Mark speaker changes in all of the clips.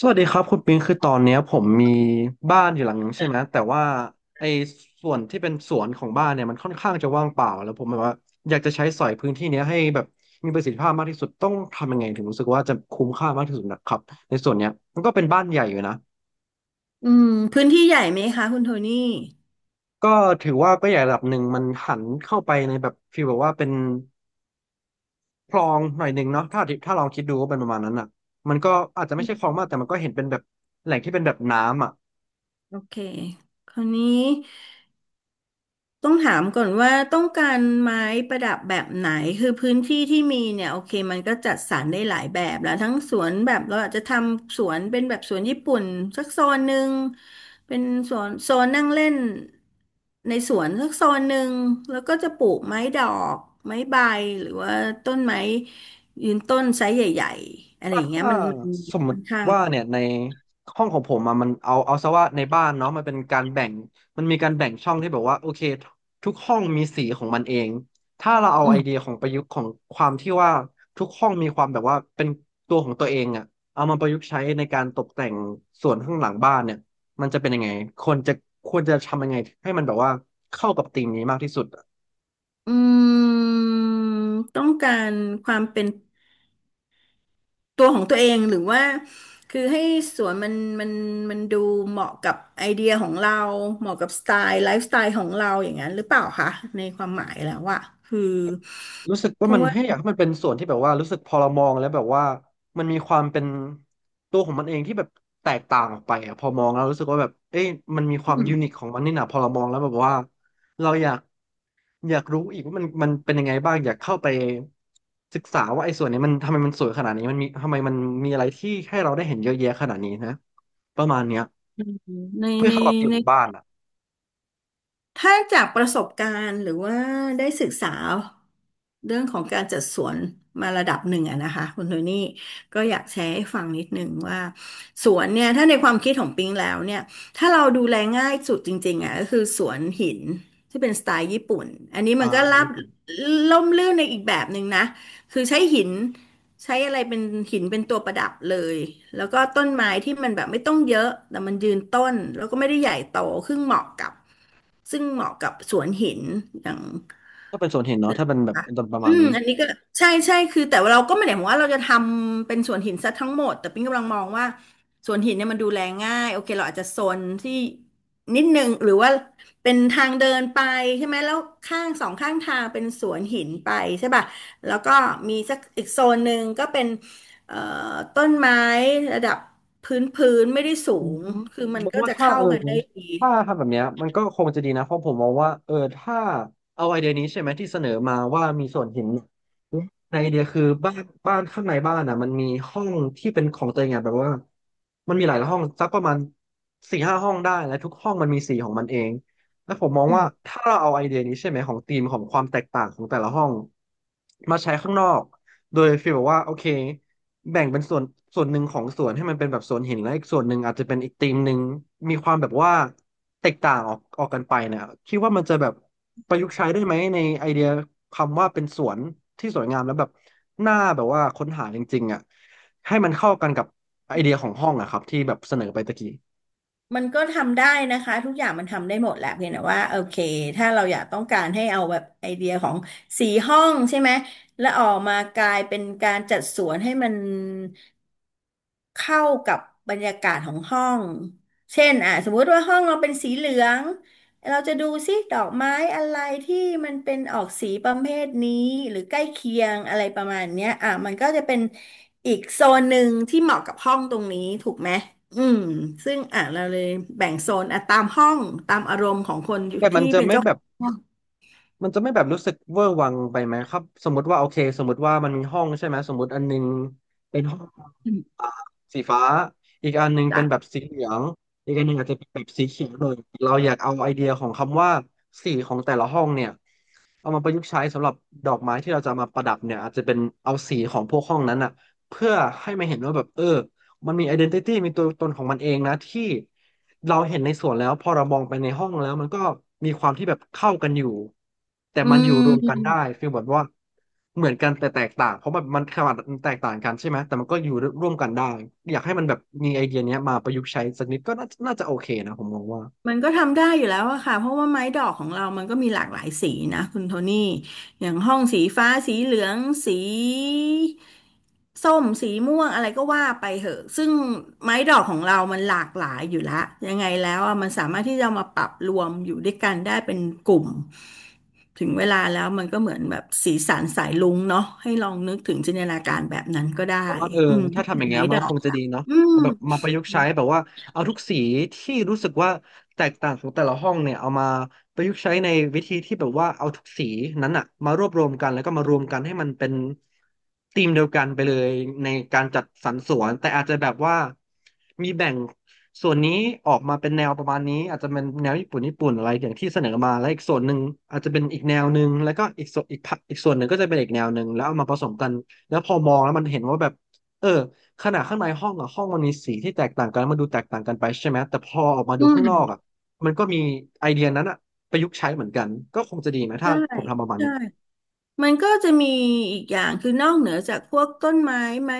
Speaker 1: สวัสดีครับคุณปิงคือตอนเนี้ยผมมีบ้านอยู่หลังนึงใช่ไหมแต่ว่าไอ้ส่วนที่เป็นสวนของบ้านเนี่ยมันค่อนข้างจะว่างเปล่าแล้วผมแบบว่าอยากจะใช้สอยพื้นที่เนี้ยให้แบบมีประสิทธิภาพมากที่สุดต้องทำยังไงถึงรู้สึกว่าจะคุ้มค่ามากที่สุดนะครับในส่วนเนี้ยมันก็เป็นบ้านใหญ่อยู่นะ
Speaker 2: อืมพื้นที่ใหญ่ไหมคะคุณโทนี่
Speaker 1: ก็ถือว่าก็ใหญ่ระดับหนึ่งมันหันเข้าไปในแบบฟีลแบบว่าเป็นคลองหน่อยหนึ่งเนาะถ้าลองคิดดูก็เป็นประมาณนั้นอ่ะมันก็อาจจะไม่ใช่คลองมากแต่มันก็เห็นเป็นแบบแหล่งที่เป็นแบบน้ำอ่ะ
Speaker 2: โอเคคราวนี้ต้องถามก่อนว่าต้องการไม้ประดับแบบไหนคือพื้นที่ที่มีเนี่ยโอเคมันก็จัดสรรได้หลายแบบแล้วทั้งสวนแบบเราอาจจะทำสวนเป็นแบบสวนญี่ปุ่นสักโซนหนึ่งเป็นสวนโซนนั่งเล่นในสวนสักโซนหนึ่งแล้วก็จะปลูกไม้ดอกไม้ใบหรือว่าต้นไม้ยืนต้นไซส์ใหญ่ๆอะไร
Speaker 1: ก็
Speaker 2: อย่างเงี้ย
Speaker 1: ถ้า
Speaker 2: มัน
Speaker 1: สมม
Speaker 2: ค่อ
Speaker 1: ติ
Speaker 2: นข้าง
Speaker 1: ว่าเนี่ยในห้องของผมอะมันเอาซะว่าในบ้านเนาะมันเป็นการแบ่งมันมีการแบ่งช่องที่แบบว่าโอเคทุกห้องมีสีของมันเองถ้าเราเอา
Speaker 2: อื
Speaker 1: ไอ
Speaker 2: ม
Speaker 1: เดียของประยุกต์ของความที่ว่าทุกห้องมีความแบบว่าเป็นตัวของตัวเองอะเอามาประยุกต์ใช้ในการตกแต่งส่วนข้างหลังบ้านเนี่ยมันจะเป็นยังไงควรจะควรจะทำยังไงให้มันแบบว่าเข้ากับธีมนี้มากที่สุด
Speaker 2: อืมต้องการความเป็นตัวของตัวเองหรือว่าคือให้สวนมันมันดูเหมาะกับไอเดียของเราเหมาะกับสไตล์ไลฟ์สไตล์ของเราอย่างนั้นหรือเปล่าคะในความหมายแล้วว่าคือ
Speaker 1: รู้สึก
Speaker 2: เพ
Speaker 1: ว่ามั
Speaker 2: ราะ
Speaker 1: น
Speaker 2: ว่า
Speaker 1: ให้อยากให้มันเป็นส่วนที่แบบว่ารู้สึกพอเรามองแล้วแบบว่ามันมีความเป็นตัวของมันเองที่แบบแตกต่างออกไปอะพอมองแล้วรู้สึกว่าแบบเอ้ยมันมีค
Speaker 2: อื
Speaker 1: วาม
Speaker 2: ม
Speaker 1: ยูนิคของมันนี่นะพอเรามองแล้วแบบว่าเราอยากรู้อีกว่ามันมันเป็นยังไงบ้างอยากเข้าไปศึกษาว่าไอ้ส่วนนี้มันทำไมมันสวยขนาดนี้มันมีทำไมมันมีอะไรที่ให้เราได้เห็นเยอะแยะขนาดนี้นะประมาณเนี้ย
Speaker 2: ใน
Speaker 1: เพื่อ
Speaker 2: ใน
Speaker 1: เข้ากับธีม
Speaker 2: ใน
Speaker 1: ของบ้านอ่ะ
Speaker 2: ถ้าจากประสบการณ์หรือว่าได้ศึกษาเรื่องของการจัดสวนมาระดับหนึ่งอะนะคะคุณโทนี่ก็อยากแชร์ให้ฟังนิดนึงว่าสวนเนี่ยถ้าในความคิดของปิงแล้วเนี่ยถ้าเราดูแลง่ายสุดจริงๆอะก็คือสวนหินที่เป็นสไตล์ญี่ปุ่นอันนี้
Speaker 1: อ่า
Speaker 2: มันก็
Speaker 1: แบบ
Speaker 2: รา
Speaker 1: นี้
Speaker 2: บ
Speaker 1: ผม
Speaker 2: ล่มลื่นในอีกแบบหนึ่งนะคือใช้หิน ใช้อะไรเป็นหินเป็นตัวประดับเลย แล้วก็ต้นไม้ที่มันแบบไม่ต้องเยอะ แต่มันยืนต้น แล้วก็ไม่ได้ใหญ่โตซึ่งเหมาะกับ ซึ่งเหมาะกับสวนหินอย่าง
Speaker 1: ก็เป็นส่วนเห็นเนาะ
Speaker 2: นึก
Speaker 1: ถ้า
Speaker 2: อ
Speaker 1: เป็
Speaker 2: อ
Speaker 1: น
Speaker 2: กไหม
Speaker 1: แบบ
Speaker 2: คะ
Speaker 1: ตอนประ
Speaker 2: อื
Speaker 1: มาณ
Speaker 2: ม
Speaker 1: นี้
Speaker 2: อันนี้ก็ใช่ใช่คือแต่ว่าเราก็ไม่ได้หมายว่าเราจะทำเป็นสวนหินซะทั้งหมดแต่ปิ๊งกำลังมองว่าสวนหินเนี่ยมันดูแลง่าย โอเคเราอาจจะโซนที่นิดนึงหรือว่า เป็นทางเดินไปใช่ไหมแล้วข้างสองข้างทางเป็นสวนหินไปใช่ป่ะแล้วก็มีสักอีกโซนหนึ่งก็เป็นเอ่อต้นไม้ระดับพื้นพื้นไม่ได้สู
Speaker 1: ผม
Speaker 2: งคือมัน
Speaker 1: มอง
Speaker 2: ก็
Speaker 1: ว่า
Speaker 2: จะ
Speaker 1: ถ้า
Speaker 2: เข้ากันได้ดี
Speaker 1: ถ้าทำแบบเนี้ยมันก็คงจะดีนะเพราะผมมองว่าถ้าเอาไอเดียนี้ใช่ไหมที่เสนอมาว่ามีส่วนเห็นในไอเดียคือบ้านข้างในบ้านอ่ะมันมีห้องที่เป็นของตัวเองอ่ะแบบว่ามันมีหลายห้องสักประมาณสี่ห้าห้องได้และทุกห้องมันมีสีของมันเองแล้วผมมอง
Speaker 2: อืม
Speaker 1: ว่าถ้าเราเอาไอเดียนี้ใช่ไหมของธีมของความแตกต่างของแต่ละห้องมาใช้ข้างนอกโดยฟีลแบบว่าโอเค แบ่งเป็นส่วนส่วนหนึ่งของสวนให้มันเป็นแบบสวนหินและอีกส่วนหนึ่งอาจจะเป็นอีกธีมหนึ่งมีความแบบว่าแตกต่างออกกันไปนะคิดว่ามันจะแบบประยุกต์ใช้ได้ไหมในไอเดียคำว่าเป็นสวนที่สวยงามแล้วแบบหน่าแบบว่าค้นหาจริงๆอ่ะให้มันเข้ากันกับไอเดียของห้องอะครับที่แบบเสนอไปตะกี้
Speaker 2: มันก็ทำได้นะคะทุกอย่างมันทำได้หมดแหละเพียงแต่ว่าโอเคถ้าเราอยากต้องการให้เอาแบบไอเดียของสีห้องใช่ไหมแล้วออกมากลายเป็นการจัดสวนให้มันเข้ากับบรรยากาศของห้องเช่นอ่ะสมมุติว่าห้องเราเป็นสีเหลือง เราจะดูซิดอกไม้อะไรที่มันเป็นออกสีประเภทนี้หรือใกล้เคียงอะไรประมาณเนี้ยอ่ะมันก็จะเป็นอีกโซนหนึ่งที่เหมาะกับห้องตรงนี้ถูกไหมอืมซึ่งอ่ะเราเลยแบ่งโซนอ่ะตามห้องตามอารมณ์ของคน
Speaker 1: แต่มั
Speaker 2: ที่
Speaker 1: นจะ
Speaker 2: เป็น
Speaker 1: ไม่
Speaker 2: เจ้า
Speaker 1: แบ
Speaker 2: ข
Speaker 1: บ
Speaker 2: องห้อง
Speaker 1: มันจะไม่แบบรู้สึกเวอร์วังไปไหมครับสมมติว่าโอเคสมมติว่ามันมีห้องใช่ไหมสมมติอันหนึงเป็นห้องอ่าสีฟ้าอีกอันหนึงเป็
Speaker 2: จ้ะ
Speaker 1: นแบบสีเหลืองอีกอันหนึงอาจจะเป็นแบบสีเขียวเลยเราอยากเอาไอเดียของคำว่าสีของแต่ละห้องเนี่ยเอามาประยุกต์ใช้สำหรับดอกไม้ที่เราจะมาประดับเนี่ยอาจจะเป็นเอาสีของพวกห้องนั้นอ่ะเพื่อให้มันเห็นว่าแบบมันมี identity มีตัวตนของมันเองนะที่เราเห็นในสวนแล้วพอเรามองไปในห้องแล้วมันก็มีความที่แบบเข้ากันอยู่แต่
Speaker 2: อื
Speaker 1: มันอยู่รวมกันได้
Speaker 2: ม
Speaker 1: ฟีลแบบว่าเหมือนกันแต่แตกต่างเพราะมันมันขนาดมันแตกต่างกันใช่ไหมแต่มันก็อยู่ร่วมกันได้อยากให้มันแบบมีไอเดียเนี้ยมาประยุกต์ใช้สักนิดก็น่าจะโอเคนะผมมองว่า
Speaker 2: มันก็ทำได้อยู่แล้วอะค่ะเพราะว่าไม้ดอกของเรามันก็มีหลากหลายสีนะคุณโทนี่อย่างห้องสีฟ้าสีเหลืองสีส้มสีม่วงอะไรก็ว่าไปเหอะซึ่งไม้ดอกของเรามันหลากหลายอยู่ละยังไงแล้วอะมันสามารถที่จะเอามาปรับรวมอยู่ด้วยกันได้เป็นกลุ่มถึงเวลาแล้วมันก็เหมือนแบบสีสันสายรุ้งเนาะให้ลองนึกถึงจินตนาการแบบนั้นก็
Speaker 1: เพ
Speaker 2: ได้
Speaker 1: ราะว่าถ้า
Speaker 2: ถ้า
Speaker 1: ทำ
Speaker 2: เป็
Speaker 1: อ
Speaker 2: น
Speaker 1: ย่างเงี้
Speaker 2: ไม้
Speaker 1: ยมัน
Speaker 2: ดอ
Speaker 1: ก็ค
Speaker 2: ก
Speaker 1: งจะ
Speaker 2: ค่ะ
Speaker 1: ดีเนาะ
Speaker 2: อืม
Speaker 1: เอาแบบมาประยุกต์ใช้แบบว่าเอาทุกสีที่รู้สึกว่าแตกต่างของแต่ละห้องเนี่ยเอามาประยุกต์ใช้ในวิธีที่แบบว่าเอาทุกสีนั้นอะมารวบรวมกันแล้วก็มารวมกันให้มันเป็นธีมเดียวกันไปเลยในการจัดสรรสวนแต่อาจจะแบบว่ามีแบ่งส่วนนี้ออกมาเป็นแนวประมาณนี้อาจจะเป็นแนวญี่ปุ่นญี่ปุ่นอะไรอย่างที่เสนอมาแล้วอีกส่วนหนึ่งอาจจะเป็นอีกแนวหนึ่งแล้วก็อีกส่วนอีกพักอีกส่วนหนึ่งก็จะเป็นอีกแนวหนึ่งแล้วเอามาผสมกันแล้วพอมองแล้วมันเห็นว่าแบบ เออขนาดข้างในห้องอะห้องมันมีสีที่แตกต่างกันมันดูแตกต่างกันไปใช่ไหมแต่พอออกมาดู
Speaker 2: อื
Speaker 1: ข้างนอ
Speaker 2: ม
Speaker 1: กอะมันก็มีไอเดียนั้นอะประยุกต์ใช้เหมือนกันก็คงจะดีไหมถ้า
Speaker 2: ใช่
Speaker 1: ผมทำประมาณ
Speaker 2: ใช่
Speaker 1: เนี้ย
Speaker 2: มันก็จะมีอีกอย่างคือนอกเหนือจากพวกต้นไม้ไม้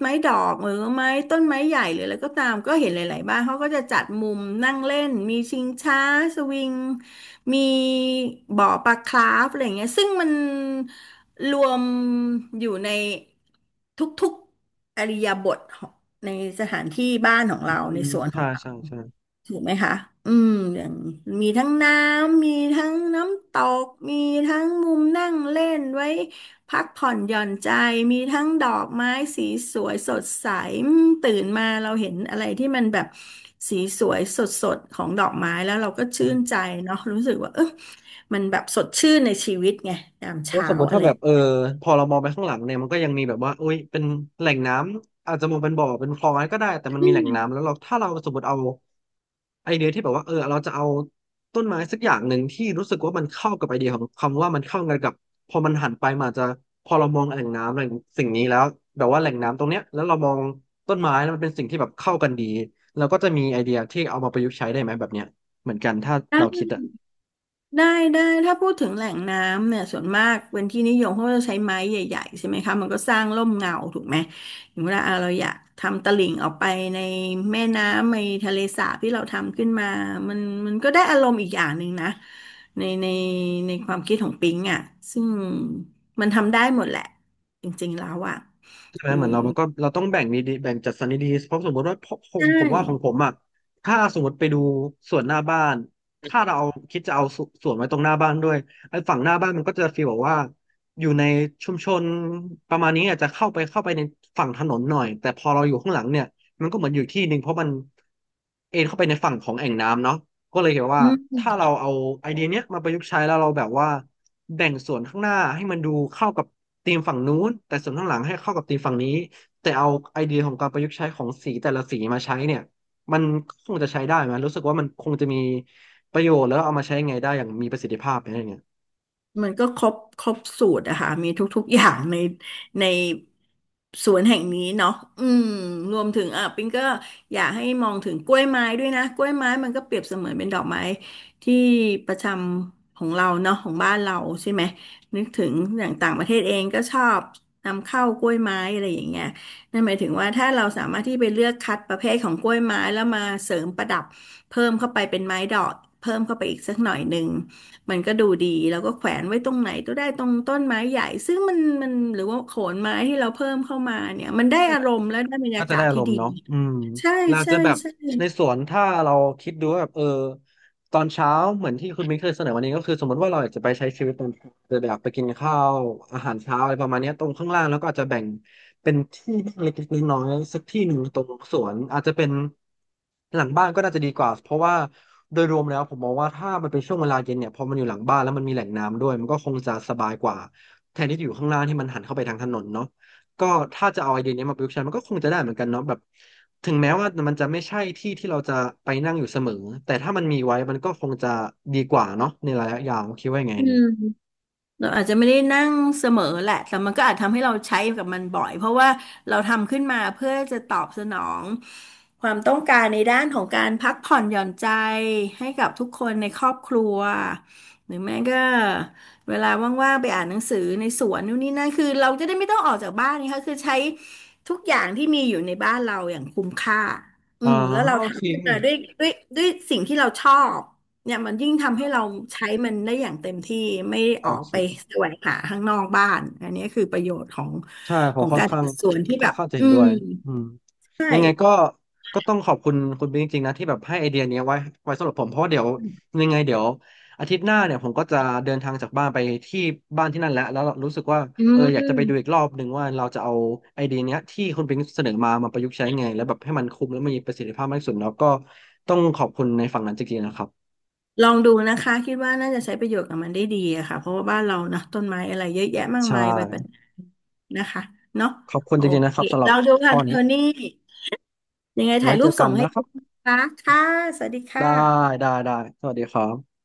Speaker 2: ดอกหรือไม้ต้นไม้ใหญ่หรืออะไรก็ตามก็เห็นหลายๆบ้านเขาก็จะจัดมุมนั่งเล่นมีชิงช้าสวิงมีบ่อปลาคราฟอะไรอย่างเงี้ยซึ่งมันรวมอยู่ในทุกๆอิริยาบถของในสถานที่บ้านของ
Speaker 1: อื
Speaker 2: เราใน
Speaker 1: ม
Speaker 2: สวนข
Speaker 1: ใช่
Speaker 2: องเรา
Speaker 1: ใช่ใช่
Speaker 2: ถูกไหมคะอืมอย่างมีทั้งน้ำมีทั้งน้ำตก มีทั้งมุมนั่งเล่นไว้พักผ่อนหย่อนใจ มีทั้งดอกไม้สีสวยสดใสอืมตื่นมาเราเห็นอะไรที่มันแบบสีสวยสดสดของดอกไม้แล้วเราก็ชื่นใจเนาะรู้สึกว่ามันแบบสดชื่นในชีวิตไงยาม
Speaker 1: ว่า
Speaker 2: เช้า
Speaker 1: สมมติ
Speaker 2: อะ
Speaker 1: ถ้า
Speaker 2: ไร
Speaker 1: แบบพอเรามองไปข้างหลังเนี่ยมันก็ยังมีแบบว่าโอ้ยเป็นแหล่งน้ำอาจจะมองเป็นบ่อเป็นคลองอะไรก็ได้แต่มันมีแหล่งน้ำแล้วเราถ้าเราสมมติเอาไอเดียที่แบบว่าเราจะเอาต้นไม้สักอย่างหนึ่งที่รู้สึกว่ามันเข้ากับไอเดียของคำว่ามันเข้ากันกับพอมันหันไปมันอาจจะพอเรามองแหล่งน้ำแหล่งสิ่งนี้แล้วแบบว่าแหล่งน้ำตรงเนี้ยแล้วเรามองต้นไม้แล้วมันเป็นสิ่งที่แบบเข้ากันดีเราก็จะมีไอเดียที่เอามาประยุกต์ใช้ได้ไหมแบบเนี้ยเหมือนกันถ้าเราคิดอะ
Speaker 2: ได้ได้ถ้าพูดถึงแหล่งน้ำเนี่ยส่วนมากเป็นที่นิยมเพราะว่าเราใช้ไม้ใหญ่ๆใช่ไหมคะมันก็สร้างร่มเงาถูกไหมอย่างเวลาอ่ะเราอยากทำตลิ่งออกไปในแม่น้ำในทะเลสาบที่เราทำขึ้นมามันมันก็ได้อารมณ์อีกอย่างหนึ่งนะในความคิดของปิงอ่ะซึ่งมันทำได้หมดแหละจริงๆแล้วอ่ะ
Speaker 1: ใช่ไหม
Speaker 2: คือ
Speaker 1: เหมือนเราก็เราต้องแบ่งดีๆแบ่งจัดสรรดีๆเพราะสมมติว่าผ
Speaker 2: ใช
Speaker 1: มผมว่าของผ
Speaker 2: ่
Speaker 1: มอ่ะถ้าสมมติไปดูสวนหน้าบ้านถ้าเราเอาคิดจะเอาสสวนไว้ตรงหน้าบ้านด้วยไอ้ฝั่งหน้าบ้านมันก็จะฟีลแบบว่าอยู่ในชุมชนประมาณนี้อาจจะเข้าไปในฝั่งถนนหน่อยแต่พอเราอยู่ข้างหลังเนี่ยมันก็เหมือนอยู่ที่หนึ่งเพราะมันเอนเข้าไปในฝั่งของแอ่งน้ำเนาะก็เลยเห็นว่า
Speaker 2: อืม
Speaker 1: ถ้าเราเอาไอเดียเนี้ยมาประยุกต์ใช้แล้วเราแบบว่าแบ่งส่วนข้างหน้าให้มันดูเข้ากับ ธีมฝั่งนู้นแต่ส่วนข้างหลังให้เข้ากับธีมฝั่งนี้แต่เอาไอเดียของการประยุกต์ใช้ของสีแต่ละสีมาใช้เนี่ยมันคงจะใช้ได้ไหมรู้สึกว่ามันคงจะมีประโยชน์แล้วเอามาใช้ไงได้อย่างมีประสิทธิภาพอะไรเงี้ย
Speaker 2: มันก็ครบสูตรอะค่ะมีทุกๆอย่างในในสวนแห่งนี้เนาะอืมรวมถึงอ่ะปิงก็อยากให้มองถึงกล้วยไม้ด้วยนะกล้วยไม้มันก็เปรียบเสมือนเป็นดอกไม้ที่ประจำของเราเนาะของบ้านเราใช่ไหมนึกถึงอย่างต่างประเทศเองก็ชอบนำเข้ากล้วยไม้อะไรอย่างเงี้ยนั่นหมายถึงว่าถ้าเราสามารถที่ไปเลือกคัดประเภทของกล้วยไม้แล้วมาเสริมประดับเพิ่มเข้าไปเป็นไม้ดอกเพิ่มเข้าไปอีกสักหน่อยหนึ่ง มันก็ดูดีแล้วก็แขวนไว้ตรงไหนก็ได้ตรงต้นไม้ใหญ่ซึ่งมันมันหรือว่าโขนไม้ที่เราเพิ่มเข้ามาเนี่ยมันได้อารมณ์และได้บรร
Speaker 1: ก็
Speaker 2: ยา
Speaker 1: จะ
Speaker 2: กา
Speaker 1: ได้
Speaker 2: ศ
Speaker 1: อาร
Speaker 2: ที่
Speaker 1: ม
Speaker 2: ดี
Speaker 1: ณ์เนาะอืม
Speaker 2: ใช่
Speaker 1: เรา
Speaker 2: ใช่
Speaker 1: จะแบบ
Speaker 2: ใช่
Speaker 1: ในสวนถ้าเราคิดดูว่าแบบตอนเช้าเหมือนที่คุณมิ้นเคยเสนอวันนี้ก็คือสมมติว่าเราอยากจะไปใช้ชีวิตตอนจะแบบไปกินข้าวอาหารเช้าอะไรประมาณเนี้ยตรงข้างล่างแล้วก็อาจจะแบ่งเป็นที่เล็กๆน้อยๆสักที่หนึ่งตรงสวนอาจจะเป็นหลังบ้านก็น่าจะดีกว่าเพราะว่าโดยรวมแล้วผมมองว่าถ้ามันเป็นช่วงเวลาเย็นเนี่ยพอมันอยู่หลังบ้านแล้วมันมีแหล่งน้ำด้วยมันก็คงจะสบายกว่าแทนที่จะอยู่ข้างล่างที่มันหันเข้าไปทางถนนเนาะ ก็ถ้าจะเอาไอเดียนี้มาประยุกต์ใช้มันก็คงจะได้เหมือนกันเนาะแบบถึงแม้ว่ามันจะไม่ใช่ที่ที่เราจะไปนั่งอยู่เสมอแต่ถ้ามันมีไว้มันก็คงจะดีกว่าเนาะในระยะยาวคิดว่ายังไง
Speaker 2: อื
Speaker 1: เนี่ย
Speaker 2: ม เราอาจจะไม่ได้นั่งเสมอแหละแต่มันก็อาจทำให้เราใช้กับมันบ่อยเพราะว่าเราทำขึ้นมาเพื่อจะตอบสนองความต้องการในด้านของการพักผ่อนหย่อนใจให้กับทุกคนในครอบครัวหรือแม้ก็เวลาว่างๆไปอ่านหนังสือในสวนนู่นนี่นั่นคือเราจะได้ไม่ต้องออกจากบ้านนะคะคือใช้ทุกอย่างที่มีอยู่ในบ้านเราอย่างคุ้มค่าอื
Speaker 1: อ๋อ
Speaker 2: มแล้วเรา
Speaker 1: โอเค
Speaker 2: ทำขึ้นมาด้วยด้วยสิ่งที่เราชอบ เนี่ยมันยิ่งทำให้เราใช้มันได้อย่างเต็มที่ไม่
Speaker 1: โอ
Speaker 2: ออกไป
Speaker 1: เค
Speaker 2: แสวงหาข้างนอกบ้านอันนี้คือประโยชน์ของ
Speaker 1: ใช่ผมค่อน
Speaker 2: การ
Speaker 1: ข้าง
Speaker 2: จัดสวนที่
Speaker 1: ค่อ
Speaker 2: แบ
Speaker 1: น
Speaker 2: บ
Speaker 1: ข้างจะเห็นด้วยอืม
Speaker 2: ใช่
Speaker 1: ยังไงก็ต้องขอบคุณคุณบิ๊กจริงๆนะที่แบบให้ไอเดียเนี้ยไว้สำหรับผมเพราะว่าเดี๋ยวยังไงเดี๋ยวอาทิตย์หน้าเนี่ยผมก็จะเดินทางจากบ้านไปที่บ้านที่นั่นแหล้วแล้วรู้สึกว่า
Speaker 2: อื
Speaker 1: อยากจะไปดูอีก
Speaker 2: ม
Speaker 1: รอบหนึ่งว่าเราจะเอาไอเดียเนี้ยที่คุณบิ๊กเสนอมามาประยุกต์ใช้ไงแล้วแบบให้มันคุ้มและมีประสิทธิภาพมากที่สุดแล้วก็ต้องขอบคุณในฝั่งนั้นจริงๆนะครับ
Speaker 2: ลองดูนะคะคิดว่าน่าจะใช้ประโยชน์กับมันได้ดีอะค่ะเพราะว่าบ้านเรานะต้นไม้อะไรเยอะแยะมาก
Speaker 1: ใช่
Speaker 2: มายไปเป็นนะคะเนาะ
Speaker 1: ขอบคุณ
Speaker 2: โอ
Speaker 1: จริงๆนะค
Speaker 2: เค
Speaker 1: รับสำหรับ
Speaker 2: เราดูค่ะ
Speaker 1: ข้อ
Speaker 2: โท
Speaker 1: นี้
Speaker 2: นี่ยังไงถ่า
Speaker 1: ไว้
Speaker 2: ยรู
Speaker 1: เจ
Speaker 2: ป
Speaker 1: อ
Speaker 2: ส่
Speaker 1: กัน
Speaker 2: งให้
Speaker 1: นะค
Speaker 2: ดู
Speaker 1: รับ
Speaker 2: นะคะค่ะสวัสดีค่
Speaker 1: ได้
Speaker 2: ะ
Speaker 1: ได้ได้สวัสดีครับ